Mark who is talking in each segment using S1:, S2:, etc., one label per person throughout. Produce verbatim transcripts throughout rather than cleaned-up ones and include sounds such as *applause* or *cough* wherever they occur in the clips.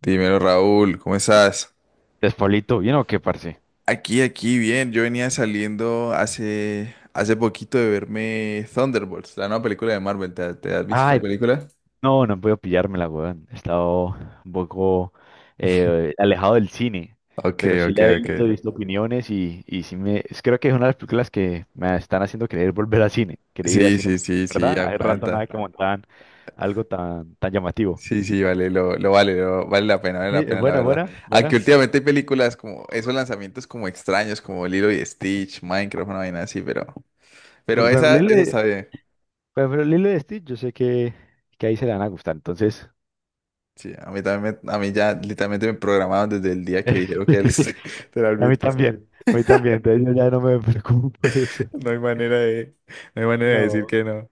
S1: Dímelo, Raúl, ¿cómo estás?
S2: ¿Despablito bien o qué, parce?
S1: Aquí, aquí, bien. Yo venía saliendo hace, hace poquito de verme Thunderbolts, la nueva película de Marvel. ¿Te, te has visto esa
S2: Ay,
S1: película?
S2: no, no puedo pillármela, weón. He estado un poco eh, alejado del cine,
S1: Ok,
S2: pero sí
S1: ok,
S2: la he
S1: ok.
S2: visto, he visto opiniones y, y sí me... es- Creo que es una de las películas que me están haciendo querer volver al cine, querer ir al
S1: Sí,
S2: cine,
S1: sí, sí, sí,
S2: ¿verdad? Hay rato nada
S1: aguanta.
S2: que montaban algo tan, tan llamativo.
S1: Sí, sí, vale, lo, lo vale, lo- vale la pena, vale
S2: Sí,
S1: la
S2: es
S1: pena, la
S2: buena,
S1: verdad.
S2: buena,
S1: Aunque
S2: buena.
S1: últimamente hay películas como esos lanzamientos como extraños, como Lilo y Stitch, Minecraft, una vaina así, pero, pero
S2: Pero pero
S1: esa,
S2: Lilo
S1: esa
S2: y
S1: está bien.
S2: pero Lilo y Stitch, yo sé que, que ahí se le van a gustar, entonces...
S1: Sí, a mí también, me- a mí ya literalmente me programaban desde el día que dijeron que era el-
S2: *laughs* A
S1: *laughs*
S2: mí
S1: literalmente.
S2: también, a mí también, entonces yo ya no me *laughs* preocupo por eso.
S1: No hay manera de, no hay manera de decir
S2: No,
S1: que no,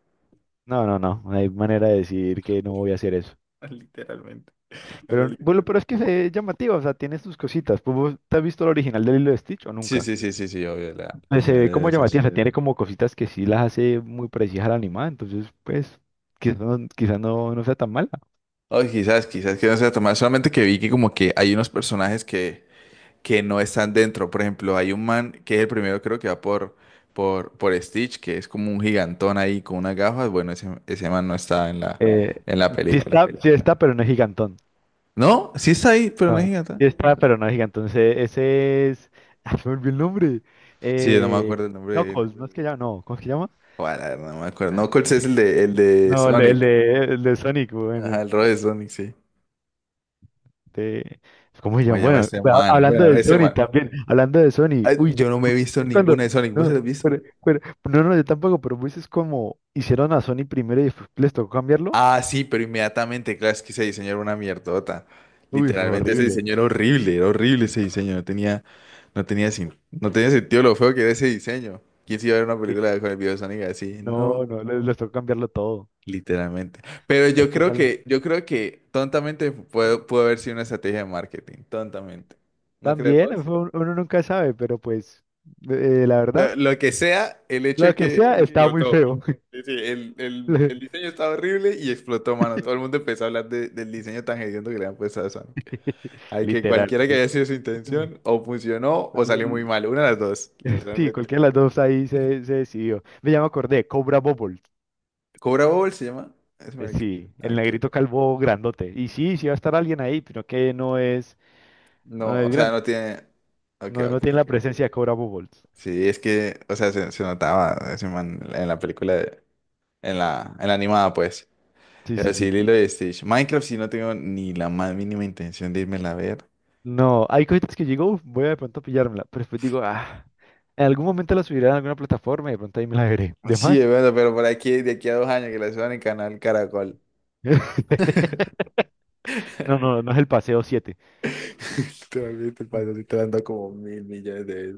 S2: no, no, no, no hay manera de decir que no voy a hacer eso.
S1: *laughs* literalmente. O sea,
S2: Pero
S1: li-
S2: bueno, pero es que se ve llamativa, o sea, tiene sus cositas. Pues, ¿vos te has visto el original del hilo de Lilo y Stitch o
S1: Sí,
S2: nunca?
S1: sí, sí, sí, sí, obvio, la la
S2: Pues se
S1: original
S2: ve
S1: de
S2: como llamativa, o
S1: esas.
S2: sea, Eh, tiene como cositas que sí las hace muy parecidas a la animada, entonces pues quizás no, quizá no, no sea tan mala.
S1: Ay, quizás, quizás que no sea tan mal, solamente que vi que como que hay unos personajes que, que no están dentro. Por ejemplo, hay un man que es el primero, creo que va por, por, por Stitch, que es como un gigantón ahí con unas gafas. Bueno, ese, ese man no está en la,
S2: Eh,
S1: en la
S2: sí
S1: película.
S2: está, sí está, pero no es gigantón.
S1: No, sí está ahí, pero no es
S2: No,
S1: gigante.
S2: sí está, pero no es gigantón. Ese ese es... *laughs* Ah, se me olvidó el nombre.
S1: Sí, yo no me
S2: Eh,
S1: acuerdo el nombre
S2: no,
S1: de él.
S2: Cos, ¿no es que llama? No, ¿cómo es que llama?
S1: Bueno, la verdad, no me acuerdo. No,
S2: Ah,
S1: Knuckles
S2: no
S1: es el
S2: sé.
S1: de, el de
S2: No, el el
S1: Sonic.
S2: de el de Sonic, weón.
S1: Ajá, el rol de Sonic, sí.
S2: De- ¿cómo se
S1: ¿Cómo se
S2: llama?
S1: llama
S2: Bueno,
S1: ese
S2: ha-
S1: man?
S2: hablando
S1: Bueno,
S2: de
S1: ese
S2: Sony
S1: man.
S2: también, hablando de Sony,
S1: Ay,
S2: uy,
S1: yo no me he visto
S2: cuando,
S1: ninguna de Sonic. ¿Vos se la has
S2: no,
S1: visto?
S2: pero- pero- no, no, yo tampoco, pero pues es como hicieron a Sony primero y después les tocó cambiarlo,
S1: Ah, sí, pero inmediatamente, claro, es que ese diseño era una mierdota.
S2: uy, fue
S1: Literalmente ese
S2: horrible.
S1: diseño era horrible, era horrible ese diseño. No tenía, no tenía, sin- no tenía sentido lo feo que era ese diseño. ¿Quién se iba a ver una
S2: Sí,
S1: película con el video de Sonic así?
S2: no,
S1: No,
S2: no, les, les tocó cambiarlo todo,
S1: literalmente. Pero
S2: es
S1: yo
S2: que
S1: creo
S2: sale-
S1: que, yo creo que tontamente pudo, pudo haber sido una estrategia de marketing. Tontamente. ¿No crees
S2: también,
S1: vos?
S2: fue un- uno nunca sabe, pero pues, eh, eh, la verdad,
S1: Pero lo que sea, el hecho
S2: lo
S1: es
S2: que
S1: que
S2: sea, estaba muy
S1: explotó.
S2: feo. *laughs*
S1: Sí, sí, el, el- el
S2: Le-
S1: diseño estaba horrible y explotó, mano. Todo el mundo empezó a hablar de- del diseño tan hediondo que le han puesto a Sonic. Hay que
S2: literal,
S1: cualquiera que
S2: pues.
S1: haya sido su
S2: Mm.
S1: intención, o funcionó o salió muy mal. Una de las dos,
S2: Sí,
S1: literalmente.
S2: cualquiera de las dos ahí se, se decidió. Me llama acordé, Cobra Bobble.
S1: ¿Cobra Bowl se llama? Es
S2: Eh,
S1: marica.
S2: Sí, el
S1: Ok.
S2: negrito calvo grandote. Y sí, sí va a estar alguien ahí, pero que no es, no
S1: No,
S2: es
S1: o sea,
S2: grande.
S1: no tiene. Ok,
S2: No, no
S1: ok.
S2: tiene la presencia de Cobra Bubbles.
S1: Sí, es que, o sea, se, se notaba ese man en la película, de- en la, en la animada, pues.
S2: Sí,
S1: Pero
S2: sí,
S1: sí,
S2: sí.
S1: Lilo y Stitch. Minecraft sí no tengo ni la más mínima intención de irme a ver.
S2: No, hay cositas que digo, "Uf, voy a de pronto pillármela", pero después digo, ah, en algún momento la subiré a alguna plataforma y de pronto ahí me la veré. ¿De
S1: Sí, es
S2: más?
S1: verdad, pero por aquí, de aquí a dos años que la suban en Canal Caracol. *laughs*
S2: *laughs* No, no, no es el paseo siete.
S1: Totalmente el paseo sí te lo han dado como mil millones de veces.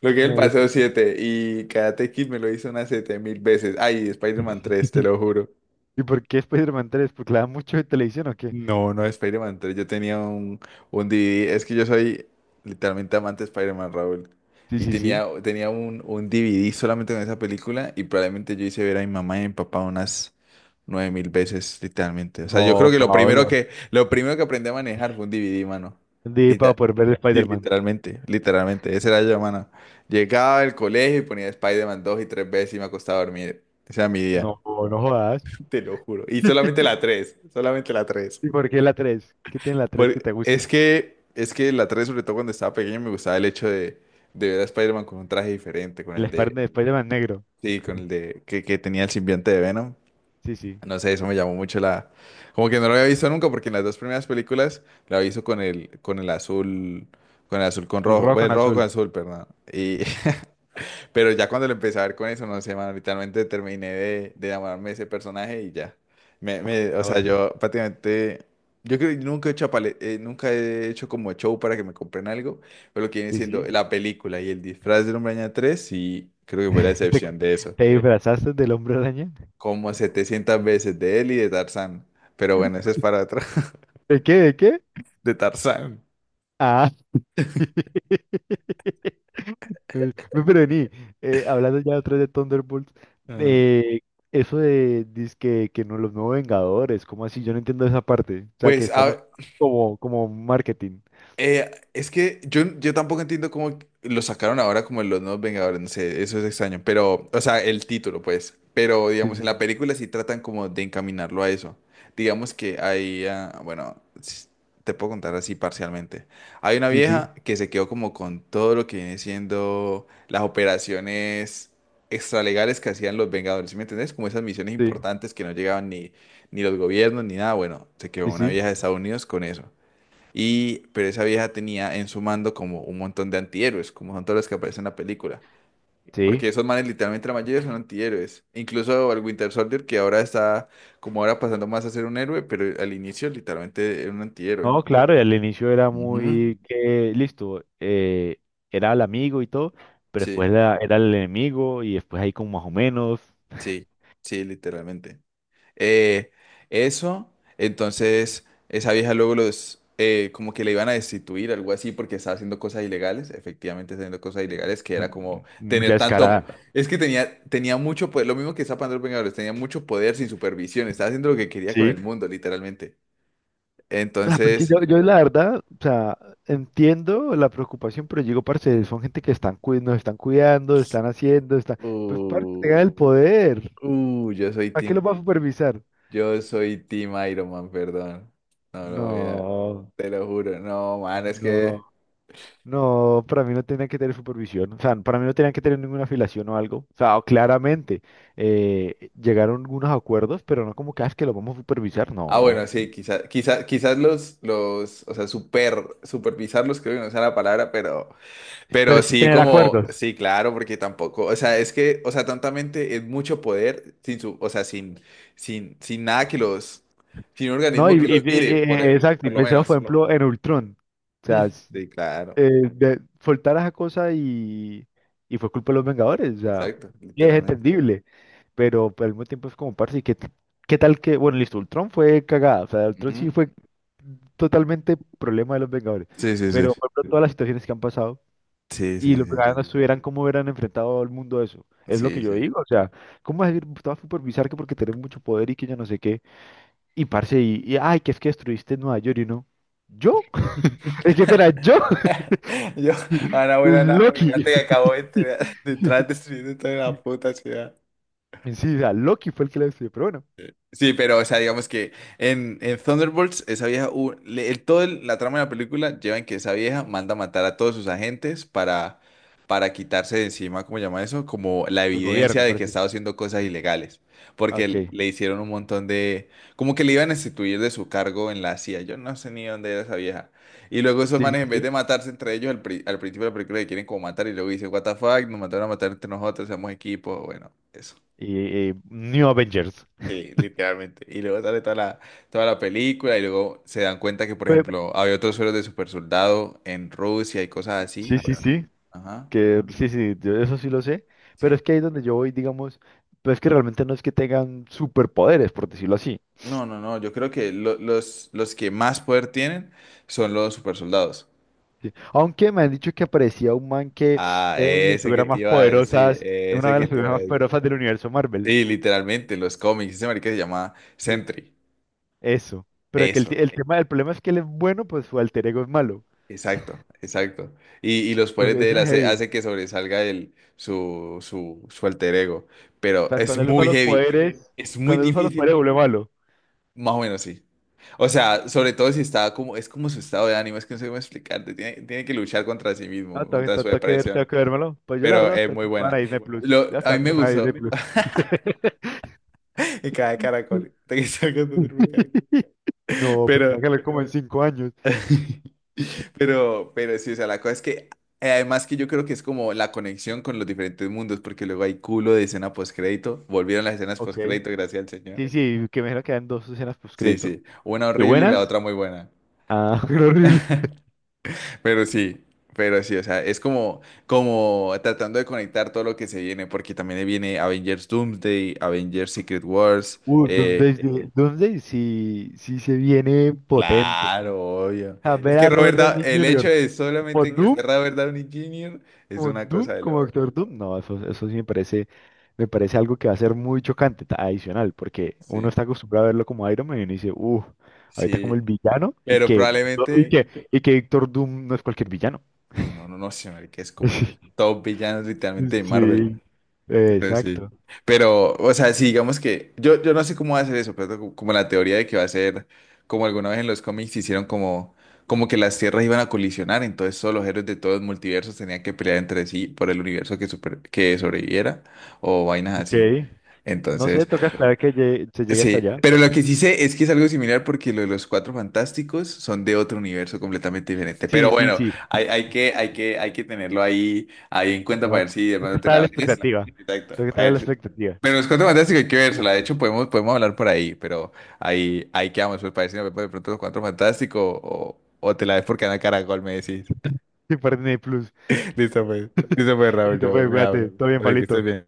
S1: Lo que es el
S2: Marica.
S1: paseo siete y Karate Kid me lo hizo unas siete mil veces. Ay, Spider-Man tres, te
S2: *laughs*
S1: lo juro.
S2: ¿Y por qué Spider-Man tres? ¿Porque la dan mucho en televisión o qué?
S1: No, no de Spider-Man tres. Yo tenía un, un D V D. Es que yo soy literalmente amante de Spider-Man, Raúl.
S2: Sí,
S1: Y
S2: sí, sí.
S1: tenía, tenía un, un D V D solamente con esa película. Y probablemente yo hice ver a mi mamá y a mi papá unas nueve mil veces, literalmente. O sea, yo creo
S2: No,
S1: que lo primero
S2: Pablo.
S1: que, lo primero que aprendí a manejar fue un D V D, mano.
S2: Di
S1: Lita-
S2: para poder ver
S1: Sí,
S2: Spider-Man.
S1: literalmente, literalmente. Ese era yo, mano. Llegaba del colegio y ponía Spider-Man dos y tres veces y me acostaba a dormir. Ese era mi día.
S2: No, no jodas.
S1: *laughs* Te lo juro. Y solamente la
S2: *laughs*
S1: tres, solamente la tres.
S2: ¿Y por qué la tres? ¿Qué tiene la tres que
S1: Por-
S2: te
S1: es
S2: gusta?
S1: que, es que la tres, sobre todo cuando estaba pequeño, me gustaba el hecho de, de ver a Spider-Man con un traje diferente, con
S2: El
S1: el de,
S2: Spider- Spider-Man negro.
S1: sí, con el de, que, que tenía el simbionte de Venom.
S2: Sí, sí.
S1: No sé, eso me llamó mucho la, como que no lo había visto nunca, porque en las dos primeras películas lo había con el, con el azul, con el azul con
S2: El
S1: rojo,
S2: rojo
S1: bueno,
S2: con
S1: el rojo con
S2: azul.
S1: azul, perdón. Y, pero ya cuando lo empecé a ver con eso, no sé, man, literalmente terminé de, de enamorarme de ese personaje y ya. Me, me- o sea,
S2: Joder.
S1: yo prácticamente, yo creo que nunca he hecho, apale- eh, nunca he hecho como show para que me compren algo, pero lo que viene
S2: Sí,
S1: siendo
S2: sí.
S1: la película y el disfraz del Hombre Araña tres, sí, creo que fue la
S2: *laughs* ¿Te, bueno,
S1: excepción de eso.
S2: te disfrazaste del hombre araña?
S1: Como setecientas veces de él y de Tarzán. Pero bueno, ese es para atrás, *laughs*
S2: ¿De qué? ¿De qué?
S1: de Tarzán.
S2: Ah. *laughs* Eh, ve, pero vení, eh, hablando ya otra vez de Thunderbolts,
S1: Ajá.
S2: eh, eso de dizque que no los nuevos Vengadores, ¿cómo así? Yo no entiendo esa parte. O sea, que
S1: Pues
S2: están us-
S1: a-
S2: como, como marketing.
S1: Eh, es que yo, yo tampoco entiendo cómo lo sacaron ahora como en los nuevos Vengadores, no sé, eso es extraño, pero, o sea, el título, pues, pero
S2: Sí,
S1: digamos, en la película sí tratan como de encaminarlo a eso. Digamos que hay, ah, bueno, s- te puedo contar así parcialmente. Hay una
S2: sí, sí,
S1: vieja que se quedó como con todo lo que viene siendo las operaciones extralegales que hacían los Vengadores, ¿sí me entendés? Como esas misiones
S2: sí,
S1: importantes que no llegaban ni, ni los gobiernos ni nada, bueno, se quedó
S2: sí,
S1: una
S2: sí,
S1: vieja de
S2: sí,
S1: Estados Unidos con eso. Y, pero esa vieja tenía en su mando como un montón de antihéroes, como son todos los que aparecen en la película.
S2: sí.
S1: Porque esos manes literalmente la mayoría son antihéroes. Incluso el Winter Soldier, que ahora está como ahora pasando más a ser un héroe, pero al inicio literalmente era un antihéroe.
S2: No, claro, y al inicio era
S1: Ujú.
S2: muy que, listo, eh, era el amigo y todo, pero
S1: Sí,
S2: después era, era el enemigo y después ahí como más o menos,
S1: sí, sí, literalmente. Eh, eso, entonces esa vieja luego los, eh, como que le iban a destituir, algo así, porque estaba haciendo cosas ilegales, efectivamente haciendo cosas ilegales, que
S2: eh,
S1: era como
S2: mucha
S1: tener tanto,
S2: descarada.
S1: es que tenía, tenía mucho poder, lo mismo que está Pandora Vengadores, tenía mucho poder sin supervisión, estaba haciendo lo que quería con el
S2: Sí. *laughs*
S1: mundo, literalmente.
S2: Ah, porque
S1: Entonces,
S2: yo, yo la verdad, o sea, entiendo la preocupación, pero digo, parce, son gente que están cui- nos están cuidando, están haciendo, están, pues para que
S1: uh,
S2: tengan el poder,
S1: uh, yo soy
S2: ¿para qué
S1: Team,
S2: lo va a supervisar?
S1: yo soy Team Iron Man, perdón, no lo voy a,
S2: No,
S1: te lo juro, no, man, es que...
S2: no. No, para mí no tenía que tener supervisión, o sea, para mí no tenían que tener ninguna afiliación o algo, o sea, claramente eh, llegaron unos acuerdos, pero no como que, "Ah, es que lo vamos a supervisar",
S1: Ah, bueno,
S2: no.
S1: sí, quizás, quizás, quizás los, los, o sea, super, supervisarlos, creo que no sea la palabra, pero,
S2: Pero
S1: pero
S2: sí
S1: sí,
S2: tener
S1: como,
S2: acuerdos.
S1: sí, claro, porque tampoco, o sea, es que, o sea, tontamente es mucho poder sin su, o sea, sin, sin, sin nada que los, sin un
S2: No,
S1: organismo
S2: y,
S1: que
S2: y-
S1: los
S2: y- *laughs*
S1: mire,
S2: y-
S1: por,
S2: exacto, y
S1: por lo
S2: pensemos, por
S1: menos. *laughs*
S2: ejemplo, en Ultron, o sea,
S1: Mm,
S2: s-
S1: sí, claro,
S2: eh, de- soltar esa cosa y, y fue culpa de los Vengadores, o sea,
S1: exacto,
S2: y es
S1: literalmente.
S2: entendible. pero pero al mismo tiempo es como, parce, ¿y qué, t- qué tal que, bueno, listo, Ultron fue cagada, o sea, Ultron sí
S1: Ujú.
S2: fue totalmente problema de los Vengadores,
S1: Sí, sí, sí.
S2: pero por ejemplo, todas las situaciones que han pasado
S1: Sí,
S2: y
S1: sí,
S2: los
S1: sí,
S2: Vengadores no
S1: sí.
S2: estuvieran, ¿cómo hubieran enfrentado al mundo eso? Es lo que
S1: Sí,
S2: yo digo, o sea, ¿cómo vas a decir, estaba supervisar que porque tenés mucho poder y que yo no sé qué, y parce, y, y, ay, que es que destruiste Nueva York y no, ¿yo?
S1: sí.
S2: *laughs* Es que, espera, ¿yo?
S1: *laughs*
S2: *laughs*
S1: *laughs* Yo, a una buena nave
S2: Loki.
S1: gigante que acabó de entrar- de entrar destruyendo toda la puta ciudad.
S2: En sí, o sea, Loki fue el que la destruyó, pero bueno,
S1: Sí, pero, o sea, digamos que en, en Thunderbolts, esa vieja, hu- le- el- todo el- la trama de la película lleva en que esa vieja manda a matar a todos sus agentes para, para quitarse de encima, ¿cómo llama eso? Como la
S2: el
S1: evidencia
S2: gobierno,
S1: de que
S2: parece.
S1: estaba haciendo cosas ilegales, porque
S2: Ok,
S1: l-
S2: sí,
S1: le hicieron un montón de, como que le iban a instituir de su cargo en la C I A, yo no sé ni dónde era esa vieja. Y luego esos
S2: sí,
S1: manes, en vez de
S2: sí,
S1: matarse entre ellos, al, pri- al principio de la película le quieren como matar y luego dice, what the fuck, nos mandaron a matar entre nosotros, somos equipo, bueno, eso.
S2: y, y New Avengers.
S1: Sí, literalmente. Y luego sale toda la, toda la película y luego se dan cuenta que, por
S2: Pe-
S1: ejemplo, había otros sueros de super soldado en Rusia y cosas así.
S2: sí, sí,
S1: Bueno,
S2: sí,
S1: ajá,
S2: que sí, sí, yo eso sí lo sé, pero
S1: sí.
S2: es que ahí es donde yo voy, digamos, pues es que realmente no es que tengan superpoderes, por decirlo así,
S1: No, no, no, yo creo que lo- los, los que más poder tienen son los super soldados.
S2: ¿sí? Aunque me han dicho que aparecía un man que
S1: Ah,
S2: era una de las
S1: ese que
S2: figuras
S1: te
S2: más
S1: iba a decir,
S2: poderosas, una
S1: ese
S2: de
S1: que
S2: las
S1: te iba
S2: figuras
S1: a
S2: más
S1: decir.
S2: poderosas del universo Marvel.
S1: Sí, literalmente, los cómics. Ese marica se llama
S2: Sí.
S1: Sentry.
S2: Eso, pero que el,
S1: Eso.
S2: t- el tema, el problema es que él es bueno, pues su alter ego es malo,
S1: Exacto, exacto. Y, y los
S2: pues
S1: poderes de
S2: eso
S1: él
S2: es
S1: hace,
S2: heavy,
S1: hace que sobresalga el, su, su, su alter ego.
S2: o
S1: Pero
S2: sea,
S1: es
S2: cuando él usa
S1: muy
S2: los
S1: heavy.
S2: poderes,
S1: Es muy
S2: cuando él usa los poderes
S1: difícil.
S2: vuelve malo.
S1: Más o menos sí. O sea, sobre todo si está como, es como su estado de ánimo, es que no sé cómo explicarte. Tiene, tiene que luchar contra sí
S2: No,
S1: mismo,
S2: tengo, que
S1: contra su
S2: tengo que ver,
S1: depresión.
S2: tengo que vérmelo. Pues yo la
S1: Pero
S2: verdad,
S1: es
S2: espero
S1: muy
S2: que lo suban a
S1: buena.
S2: Disney Plus.
S1: Lo,
S2: Yo
S1: a mí
S2: espero que
S1: me
S2: lo suban a Disney
S1: gustó.
S2: Plus. *laughs*
S1: *laughs* Me cae caracol. Te *laughs* quise contar, me
S2: *laughs*
S1: cae.
S2: No,
S1: Pero,
S2: pensaba que era como en cinco años.
S1: *laughs* Pero, pero sí, o sea, la cosa es que eh, además que yo creo que es como la conexión con los diferentes mundos, porque luego hay culo de escena postcrédito. Volvieron las escenas
S2: Ok.
S1: postcrédito, gracias al señor.
S2: Sí, sí, que me imagino que dan dos escenas
S1: Sí,
S2: postcrédito.
S1: sí. Una
S2: ¿Qué? ¿Ah,
S1: horrible y la
S2: buenas?
S1: otra muy buena.
S2: Ah, *laughs* pero horrible.
S1: Pero sí, pero sí, o sea, es como, como tratando de conectar todo lo que se viene, porque también viene Avengers Doomsday, Avengers Secret Wars,
S2: Uh, Doomsday,
S1: eh,
S2: Eh, sí- Doomsday sí, sí se viene potente.
S1: claro, obvio.
S2: A
S1: Es
S2: ver
S1: que
S2: a
S1: Robert
S2: Robert
S1: Da-
S2: Downey
S1: el hecho
S2: junior
S1: de
S2: como
S1: solamente que
S2: Doom,
S1: sea Robert Downey junior es
S2: como
S1: una
S2: Doom,
S1: cosa de
S2: como
S1: loco.
S2: Doctor Doom. No, eso, eso sí me parece, me parece algo que va a ser muy chocante, ta- adicional, porque uno
S1: Sí.
S2: está acostumbrado a verlo como Iron Man y uno dice, uff, ahorita como
S1: Sí,
S2: el villano y
S1: pero
S2: que, y
S1: probablemente.
S2: que, y que Doctor Doom no es cualquier villano.
S1: Sí, no, no, no sé, marica, es como
S2: *laughs*
S1: top villanos literalmente de Marvel.
S2: Sí, eh,
S1: Pero sí.
S2: exacto.
S1: Pero, o sea, sí, digamos que. Yo, yo no sé cómo va a ser eso, pero co- como la teoría de que va a ser. Como alguna vez en los cómics hicieron como. Como que las tierras iban a colisionar, entonces todos los héroes de todos los multiversos tenían que pelear entre sí por el universo que, super- que sobreviviera o vainas
S2: Ok.
S1: así.
S2: No sé,
S1: Entonces.
S2: toca esperar que llegue- se llegue hasta
S1: Sí,
S2: allá.
S1: pero lo que sí sé es que es algo similar porque lo de los Cuatro Fantásticos son de otro universo completamente diferente. Pero
S2: Sí, sí,
S1: bueno,
S2: sí.
S1: hay, hay que, hay que, hay que tenerlo ahí, ahí en cuenta
S2: No,
S1: para ver si de
S2: toca
S1: pronto te
S2: estar a
S1: la
S2: la
S1: ves.
S2: expectativa.
S1: Exacto.
S2: Toca
S1: A
S2: estar a
S1: ver
S2: la
S1: si-
S2: expectativa.
S1: Pero los Cuatro Fantásticos hay que vérsela. De hecho, podemos, podemos hablar por ahí, pero ahí, ahí quedamos. Pues para ver si nos vemos de pronto los Cuatro Fantásticos o, o te la ves por Canal Caracol, me decís.
S2: Sí, para Disney Plus.
S1: *laughs* Listo, pues. Listo, pues, Raúl,
S2: Listo,
S1: yo
S2: pues,
S1: me abro.
S2: cuídate. Todo bien,
S1: Oye, que estés
S2: Palito. Chao.
S1: bien.